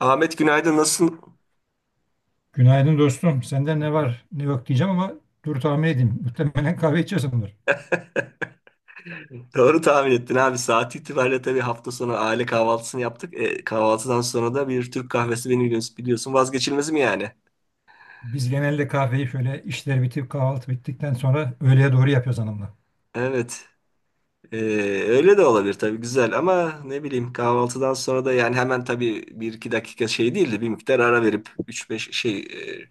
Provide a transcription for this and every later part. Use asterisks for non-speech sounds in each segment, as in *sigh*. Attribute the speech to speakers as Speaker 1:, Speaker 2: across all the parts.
Speaker 1: Ahmet, günaydın, nasılsın?
Speaker 2: Günaydın dostum. Senden ne var ne yok diyeceğim ama dur tahmin edeyim. Muhtemelen kahve içiyorsundur.
Speaker 1: *laughs* Doğru tahmin ettin abi. Saat itibariyle tabii hafta sonu aile kahvaltısını yaptık. Kahvaltıdan sonra da bir Türk kahvesi beni biliyorsun, vazgeçilmez mi yani?
Speaker 2: Biz genelde kahveyi şöyle işler bitip kahvaltı bittikten sonra öğleye doğru yapıyoruz hanımla.
Speaker 1: Evet. E, Öyle de olabilir tabii, güzel, ama ne bileyim, kahvaltıdan sonra da yani hemen tabii bir iki dakika şey değildi, bir miktar ara verip üç beş şey e,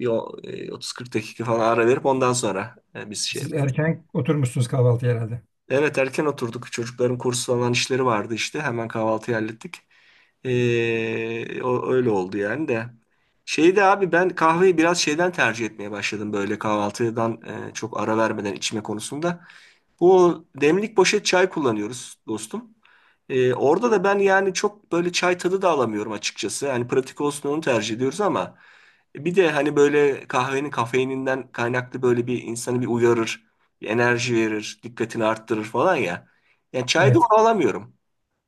Speaker 1: bir o- e, 30-40 dakika falan ara verip ondan sonra biz şey
Speaker 2: Siz
Speaker 1: yapıyoruz.
Speaker 2: erken oturmuşsunuz kahvaltıya herhalde.
Speaker 1: Evet, erken oturduk. Çocukların kursu falan işleri vardı işte. Hemen kahvaltıyı hallettik. Öyle oldu yani de. Şeyde abi, ben kahveyi biraz şeyden tercih etmeye başladım, böyle kahvaltıdan çok ara vermeden içme konusunda. Bu demlik poşet çay kullanıyoruz dostum. Orada da ben yani çok böyle çay tadı da alamıyorum açıkçası. Yani pratik olsun onu tercih ediyoruz ama bir de hani böyle kahvenin kafeininden kaynaklı böyle bir insanı bir uyarır, bir enerji verir, dikkatini arttırır falan ya. Yani çayda
Speaker 2: Evet.
Speaker 1: onu alamıyorum.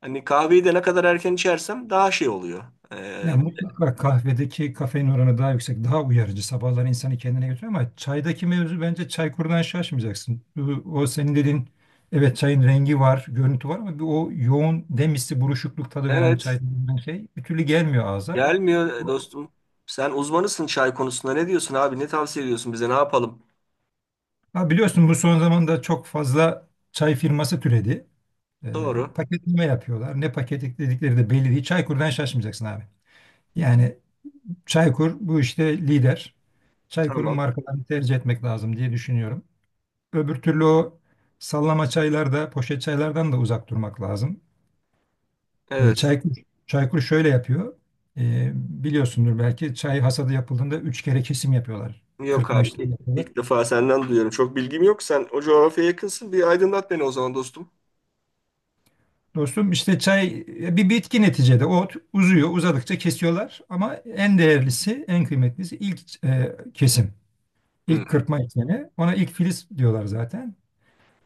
Speaker 1: Hani kahveyi de ne kadar erken içersem daha şey oluyor. Ee,
Speaker 2: Yani mutlaka kahvedeki kafein oranı daha yüksek, daha uyarıcı. Sabahları insanı kendine götürüyor ama çaydaki mevzu bence çaykurdan şaşmayacaksın. O senin dediğin evet çayın rengi var, görüntü var ama bir o yoğun demisi, buruşukluk tadı veren çay
Speaker 1: evet,
Speaker 2: denilen şey bir türlü gelmiyor ağza.
Speaker 1: gelmiyor dostum. Sen uzmanısın çay konusunda. Ne diyorsun abi? Ne tavsiye ediyorsun bize? Ne yapalım?
Speaker 2: Ha, biliyorsun bu son zamanda çok fazla çay firması türedi.
Speaker 1: Doğru.
Speaker 2: Paketleme yapıyorlar. Ne paketledikleri de belli değil. Çaykur'dan şaşmayacaksın abi. Yani Çaykur bu işte lider. Çaykur'un
Speaker 1: Tamam.
Speaker 2: markalarını tercih etmek lazım diye düşünüyorum. Öbür türlü o sallama çaylarda, poşet çaylardan da uzak durmak lazım. Ee,
Speaker 1: Evet.
Speaker 2: Çaykur, Çaykur şöyle yapıyor. Biliyorsundur belki çay hasadı yapıldığında üç kere kesim yapıyorlar.
Speaker 1: Yok
Speaker 2: Kırpma
Speaker 1: abi,
Speaker 2: işlemi
Speaker 1: ilk
Speaker 2: yapıyorlar.
Speaker 1: ilk defa senden duyuyorum. Çok bilgim yok. Sen o coğrafyaya yakınsın. Bir aydınlat beni o zaman dostum.
Speaker 2: Dostum işte çay bir bitki neticede. Uzuyor, uzadıkça kesiyorlar. Ama en değerlisi, en kıymetlisi ilk kesim.
Speaker 1: Hı,
Speaker 2: İlk kırpma işlemi. Ona ilk filiz diyorlar zaten.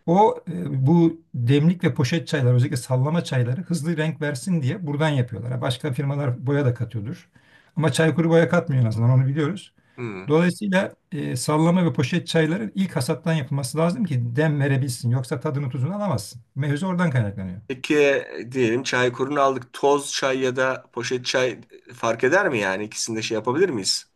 Speaker 2: O bu demlik ve poşet çaylar, özellikle sallama çayları hızlı renk versin diye buradan yapıyorlar. Ha, başka firmalar boya da katıyordur. Ama Çaykur boya katmıyor, en azından onu biliyoruz.
Speaker 1: hı.
Speaker 2: Dolayısıyla sallama ve poşet çayların ilk hasattan yapılması lazım ki dem verebilsin. Yoksa tadını tuzunu alamazsın. Mevzu oradan kaynaklanıyor.
Speaker 1: Peki diyelim çay kurunu aldık. Toz çay ya da poşet çay fark eder mi yani? İkisini de şey yapabilir miyiz?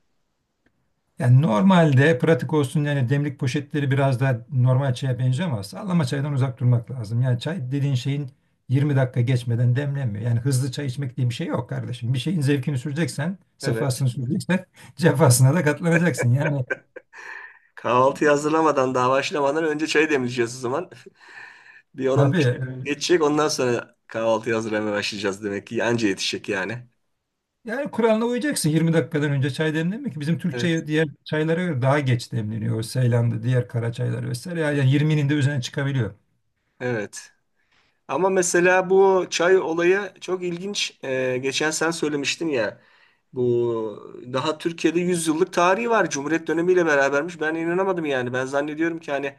Speaker 2: Yani normalde pratik olsun yani demlik poşetleri biraz daha normal çaya benziyor ama sallama çaydan uzak durmak lazım. Yani çay dediğin şeyin 20 dakika geçmeden demlenmiyor. Yani hızlı çay içmek diye bir şey yok kardeşim. Bir şeyin zevkini süreceksen,
Speaker 1: Evet.
Speaker 2: sefasını süreceksen *laughs* cefasına da katlanacaksın.
Speaker 1: Kahvaltıyı hazırlamadan daha başlamadan önce çayı demleyeceğiz o zaman. *laughs* Bir on on
Speaker 2: Tabii
Speaker 1: beş
Speaker 2: e,
Speaker 1: geçecek ondan sonra kahvaltıyı hazırlamaya başlayacağız demek ki. Anca yetişecek yani.
Speaker 2: Yani kuralına uyacaksın, 20 dakikadan önce çay demlenmiyor. Bizim Türk
Speaker 1: Evet.
Speaker 2: çayı diğer çaylara göre daha geç demleniyor. O Seylan'da diğer kara çaylar vesaire. Yani 20'nin de üzerine çıkabiliyor.
Speaker 1: Evet. Ama mesela bu çay olayı çok ilginç. Geçen sen söylemiştin ya. Bu daha Türkiye'de 100 yıllık tarihi var. Cumhuriyet dönemiyle berabermiş. Ben inanamadım yani. Ben zannediyorum ki hani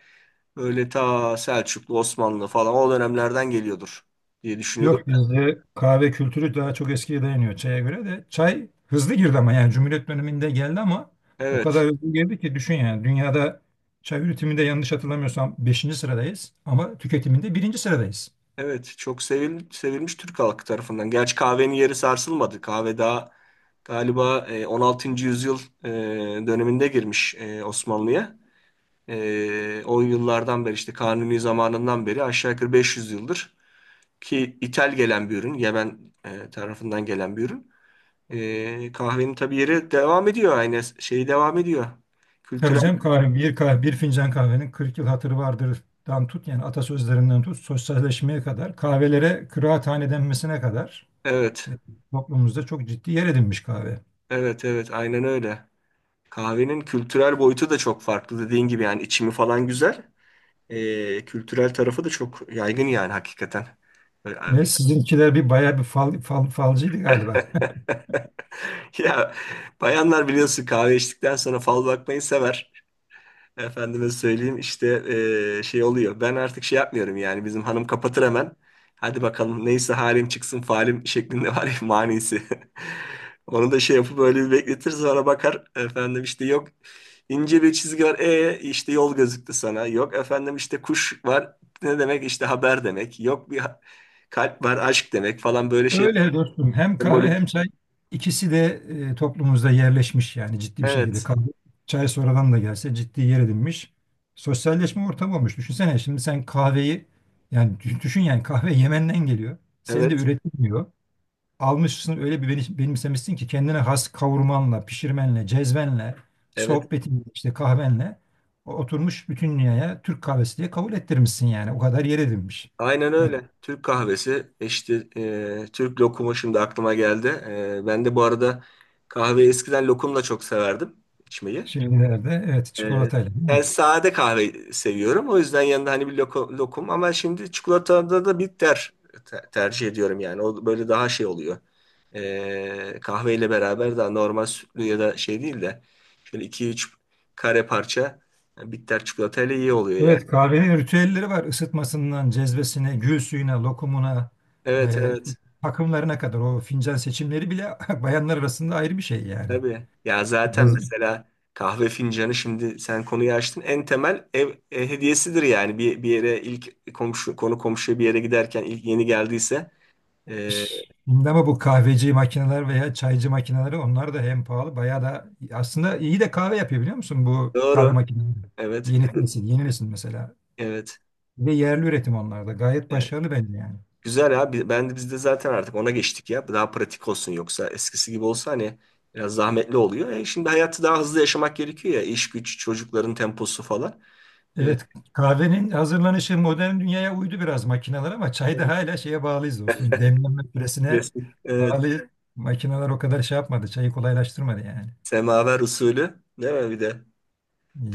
Speaker 1: böyle ta Selçuklu, Osmanlı falan o dönemlerden geliyordur diye düşünüyordum.
Speaker 2: Yok, bizde kahve kültürü daha çok eskiye dayanıyor çaya göre de. Çay hızlı girdi ama yani Cumhuriyet döneminde geldi ama o
Speaker 1: Evet.
Speaker 2: kadar hızlı girdi ki düşün yani dünyada çay üretiminde yanlış hatırlamıyorsam beşinci sıradayız ama tüketiminde birinci sıradayız.
Speaker 1: Evet. Çok sevilmiş Türk halkı tarafından. Gerçi kahvenin yeri sarsılmadı. Kahve daha galiba 16. yüzyıl döneminde girmiş Osmanlı'ya. O yıllardan beri işte Kanuni zamanından beri aşağı yukarı 500 yıldır ki ithal gelen bir ürün, Yemen tarafından gelen bir ürün. Kahvenin tabii yeri devam ediyor, aynı şey devam ediyor.
Speaker 2: Tabii
Speaker 1: Kültürel
Speaker 2: canım kahve, bir fincan kahvenin 40 yıl hatırı vardır'dan tut yani atasözlerinden tut sosyalleşmeye kadar kahvelere kıraathane denmesine kadar
Speaker 1: evet.
Speaker 2: e, toplumumuzda çok ciddi yer edinmiş kahve.
Speaker 1: Evet, evet, aynen öyle. Kahvenin kültürel boyutu da çok farklı dediğin gibi yani, içimi falan güzel. Kültürel tarafı da çok yaygın yani hakikaten. Böyle
Speaker 2: Evet,
Speaker 1: abi-
Speaker 2: sizinkiler bir bayağı bir falcıydı galiba.
Speaker 1: *laughs* Ya bayanlar biliyorsun kahve içtikten sonra fal bakmayı sever. Efendime söyleyeyim işte şey oluyor. Ben artık şey yapmıyorum yani, bizim hanım kapatır hemen. Hadi bakalım neyse halim çıksın falim şeklinde var ya manisi. *laughs* Onu da şey yapıp böyle bir bekletir sonra bakar efendim işte, yok ince bir çizgi var işte yol gözüktü sana. Yok efendim işte kuş var ne demek işte haber demek. Yok bir ha- kalp var aşk demek falan böyle şey
Speaker 2: Öyle dostum. Hem kahve hem
Speaker 1: sembolik.
Speaker 2: çay ikisi de toplumumuzda yerleşmiş yani ciddi bir şekilde.
Speaker 1: Evet,
Speaker 2: Kahve, çay sonradan da gelse ciddi yer edinmiş. Sosyalleşme ortamı olmuş. Düşünsene şimdi sen kahveyi yani düşün yani kahve Yemen'den geliyor. Sen de
Speaker 1: evet,
Speaker 2: üretilmiyor. Almışsın öyle bir benimsemişsin ki kendine has kavurmanla, pişirmenle, cezvenle,
Speaker 1: evet,
Speaker 2: sohbetin işte kahvenle oturmuş bütün dünyaya Türk kahvesi diye kabul ettirmişsin yani. O kadar yer edinmiş.
Speaker 1: aynen
Speaker 2: Yani
Speaker 1: öyle. Türk kahvesi işte, Türk lokumu şimdi aklıma geldi. E, ben de bu arada kahveyi eskiden lokumla çok severdim içmeyi.
Speaker 2: şeylerde evet
Speaker 1: E,
Speaker 2: çikolatayla değil
Speaker 1: Ben
Speaker 2: mi?
Speaker 1: sade kahve seviyorum. O yüzden yanında hani bir lokum, ama şimdi çikolatada da bitter tercih ediyorum yani. O böyle daha şey oluyor. Kahveyle beraber daha normal sütlü ya da şey değil de şöyle iki üç kare parça bitter çikolatayla iyi oluyor ya.
Speaker 2: Evet, kahvenin ritüelleri var. Isıtmasından cezvesine, gül suyuna, lokumuna,
Speaker 1: Evet,
Speaker 2: işte
Speaker 1: evet.
Speaker 2: takımlarına kadar o fincan seçimleri bile *laughs* bayanlar arasında ayrı bir şey yani.
Speaker 1: Tabii. Ya zaten
Speaker 2: Cez-
Speaker 1: mesela kahve fincanı, şimdi sen konuyu açtın, en temel ev hediyesidir yani. Bir yere ilk komşu konu komşuya bir yere giderken ilk yeni geldiyse. E,
Speaker 2: Şimdi ama bu kahveci makineler veya çaycı makineleri onlar da hem pahalı bayağı da aslında iyi de kahve yapıyor biliyor musun bu kahve
Speaker 1: doğru.
Speaker 2: makineleri.
Speaker 1: Evet.
Speaker 2: Yeni nesil mesela.
Speaker 1: Evet.
Speaker 2: Ve yerli üretim onlar da gayet
Speaker 1: Evet.
Speaker 2: başarılı bence yani.
Speaker 1: Güzel abi. Ben de biz de zaten artık ona geçtik ya. Daha pratik olsun, yoksa eskisi gibi olsa hani biraz zahmetli oluyor. Şimdi hayatı daha hızlı yaşamak gerekiyor ya. İş güç, çocukların temposu falan. E,
Speaker 2: Evet, kahvenin hazırlanışı modern dünyaya uydu biraz makineler ama çayda hala şeye bağlıyız dostum. Demleme süresine
Speaker 1: resmi. Evet.
Speaker 2: bağlı, makineler o kadar şey yapmadı, çayı kolaylaştırmadı yani.
Speaker 1: Semaver usulü. Değil mi bir de?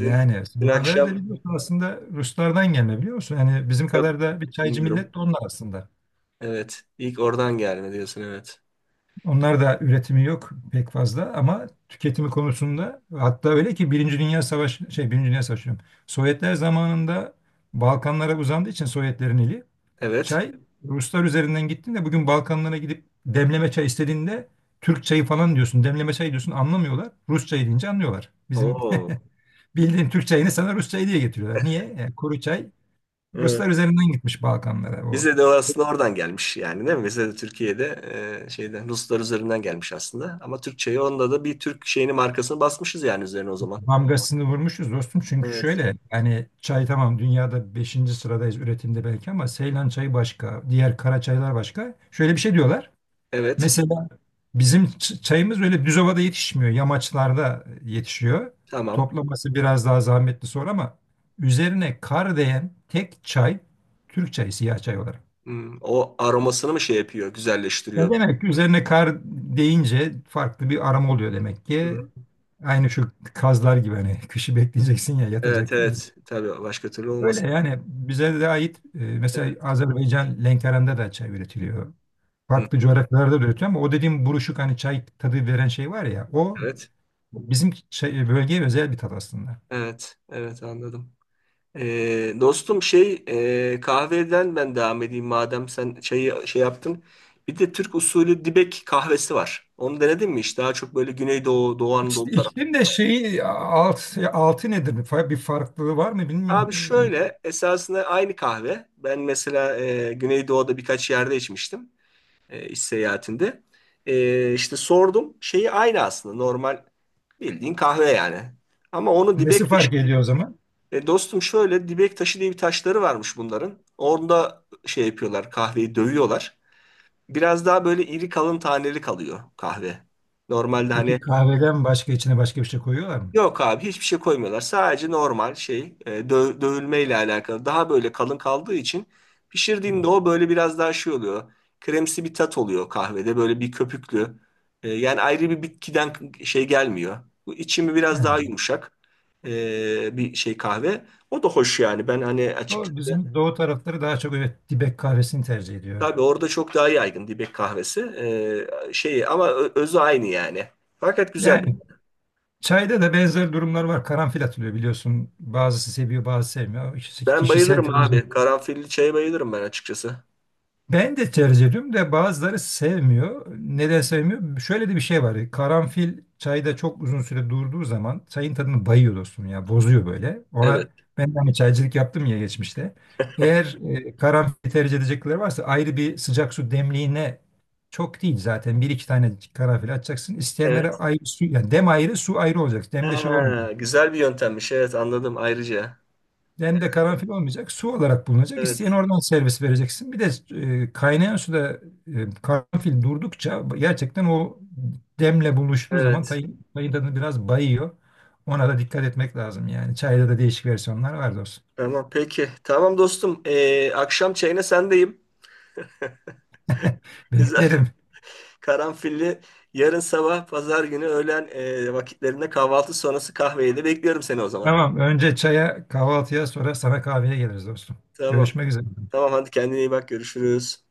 Speaker 1: Dün, dün
Speaker 2: semaver de
Speaker 1: akşam
Speaker 2: biliyorsun aslında Ruslardan gelme, biliyor musun? Yani bizim
Speaker 1: yok,
Speaker 2: kadar da bir çaycı
Speaker 1: bilmiyorum.
Speaker 2: millet de onlar aslında.
Speaker 1: Evet. İlk oradan gelme diyorsun, evet.
Speaker 2: Onlar da üretimi yok pek fazla ama tüketimi konusunda hatta öyle ki Birinci Dünya Savaşı diyorum. Sovyetler zamanında Balkanlara uzandığı için Sovyetlerin eli,
Speaker 1: Evet.
Speaker 2: çay Ruslar üzerinden gittin de bugün Balkanlara gidip demleme çay istediğinde Türk çayı falan diyorsun. Demleme çayı diyorsun anlamıyorlar. Rus çayı deyince anlıyorlar. Bizim
Speaker 1: Oo.
Speaker 2: *laughs* bildiğin Türk çayını sana Rus çayı diye getiriyorlar. Niye? Kuru çay
Speaker 1: Evet.
Speaker 2: Ruslar üzerinden gitmiş Balkanlara. O
Speaker 1: Bize de aslında oradan gelmiş yani, değil mi? Bize de Türkiye'de şeyden Ruslar üzerinden gelmiş aslında. Ama Türkçeyi onda da bir Türk şeyini markasını basmışız yani üzerine o zaman.
Speaker 2: damgasını vurmuşuz dostum. Çünkü
Speaker 1: Evet.
Speaker 2: şöyle yani çay tamam, dünyada beşinci sıradayız üretimde belki ama Seylan çayı başka, diğer kara çaylar başka. Şöyle bir şey diyorlar.
Speaker 1: Evet.
Speaker 2: Mesela bizim çayımız öyle düz ovada yetişmiyor. Yamaçlarda yetişiyor.
Speaker 1: Tamam.
Speaker 2: Toplaması biraz daha zahmetli sonra ama üzerine kar değen tek çay Türk çayı, siyah çay olarak.
Speaker 1: Hmm, o aromasını mı şey yapıyor,
Speaker 2: Ya
Speaker 1: güzelleştiriyor?
Speaker 2: demek ki üzerine kar deyince farklı bir aroma oluyor demek ki.
Speaker 1: Hı.
Speaker 2: Aynı şu kazlar gibi hani *laughs* kışı bekleyeceksin ya,
Speaker 1: Evet,
Speaker 2: yatacak.
Speaker 1: evet. Tabii, başka türlü
Speaker 2: Öyle
Speaker 1: olmaz.
Speaker 2: yani bize de ait mesela
Speaker 1: Evet.
Speaker 2: Azerbaycan Lenkeran'da da çay üretiliyor,
Speaker 1: Hı
Speaker 2: farklı
Speaker 1: hı.
Speaker 2: coğrafyalarda da üretiyor ama o dediğim buruşuk hani çay tadı veren şey var ya o
Speaker 1: Evet.
Speaker 2: bizim şey, bölgeye özel bir tat aslında.
Speaker 1: Evet Evet anladım Dostum şey, kahveden ben devam edeyim madem sen çayı şey yaptın. Bir de Türk usulü dibek kahvesi var. Onu denedin mi hiç? Daha çok böyle Güneydoğu, Doğu
Speaker 2: İşte
Speaker 1: Anadolu tarafı.
Speaker 2: iklim de şeyi altı nedir? Bir bir farklılığı var mı
Speaker 1: Abi
Speaker 2: bilmiyorum.
Speaker 1: şöyle, esasında aynı kahve. Ben mesela Güneydoğu'da birkaç yerde içmiştim iş seyahatinde. İşte sordum, şeyi aynı aslında, normal bildiğin kahve yani. Ama onu dibek
Speaker 2: Nesi
Speaker 1: taşı.
Speaker 2: fark ediyor o zaman?
Speaker 1: Dostum şöyle, dibek taşı diye bir taşları varmış bunların. Orada şey yapıyorlar, kahveyi dövüyorlar. Biraz daha böyle iri kalın taneli kalıyor kahve. Normalde
Speaker 2: Peki
Speaker 1: hani
Speaker 2: kahveden başka içine başka bir şey koyuyorlar mı?
Speaker 1: yok abi hiçbir şey koymuyorlar. Sadece normal şey, dövülmeyle alakalı. Daha böyle kalın kaldığı için pişirdiğinde o böyle biraz daha şey oluyor. Kremsi bir tat oluyor kahvede. Böyle bir köpüklü. Yani ayrı bir bitkiden şey gelmiyor. Bu içimi biraz daha
Speaker 2: Ha.
Speaker 1: yumuşak bir şey kahve. O da hoş yani. Ben hani açık,
Speaker 2: Doğru, bizim doğu tarafları daha çok evet dibek kahvesini tercih ediyor.
Speaker 1: tabii orada çok daha yaygın dibek kahvesi. Şey ama özü aynı yani. Fakat güzel.
Speaker 2: Yani çayda da benzer durumlar var. Karanfil atılıyor biliyorsun. Bazısı seviyor, bazısı sevmiyor. İşte
Speaker 1: Ben
Speaker 2: kişisel
Speaker 1: bayılırım
Speaker 2: tercih.
Speaker 1: abi. Karanfilli çaya bayılırım ben açıkçası.
Speaker 2: Ben de tercih ediyorum da bazıları sevmiyor. Neden sevmiyor? Şöyle de bir şey var. Karanfil çayda çok uzun süre durduğu zaman çayın tadını bayıyor dostum ya. Bozuyor böyle.
Speaker 1: Evet.
Speaker 2: Ona ben de hani çaycılık yaptım ya geçmişte. Eğer karanfil tercih edecekleri varsa ayrı bir sıcak su demliğine, çok değil zaten, bir iki tane karanfil atacaksın. İsteyenlere
Speaker 1: Evet.
Speaker 2: ayrı su, yani dem ayrı, su ayrı olacak. Demde şey olmuyor.
Speaker 1: Ha, güzel bir yöntemmiş. Evet anladım ayrıca.
Speaker 2: Dende karanfil olmayacak. Su olarak bulunacak. İsteyen
Speaker 1: Evet.
Speaker 2: oradan servis vereceksin. Bir de kaynayan suda karanfil durdukça gerçekten o demle buluştuğu zaman
Speaker 1: Evet.
Speaker 2: tayın tadını biraz bayıyor. Ona da dikkat etmek lazım yani. Çayda da değişik versiyonlar var dostum.
Speaker 1: Tamam peki. Tamam dostum. Akşam çayına sendeyim. Güzel. *laughs*
Speaker 2: Beklerim.
Speaker 1: Karanfilli yarın sabah pazar günü öğlen vakitlerinde, kahvaltı sonrası kahveyi de bekliyorum seni o zaman.
Speaker 2: Tamam. Önce çaya, kahvaltıya sonra sana kahveye geliriz dostum.
Speaker 1: Tamam.
Speaker 2: Görüşmek üzere.
Speaker 1: Tamam hadi, kendine iyi bak, görüşürüz.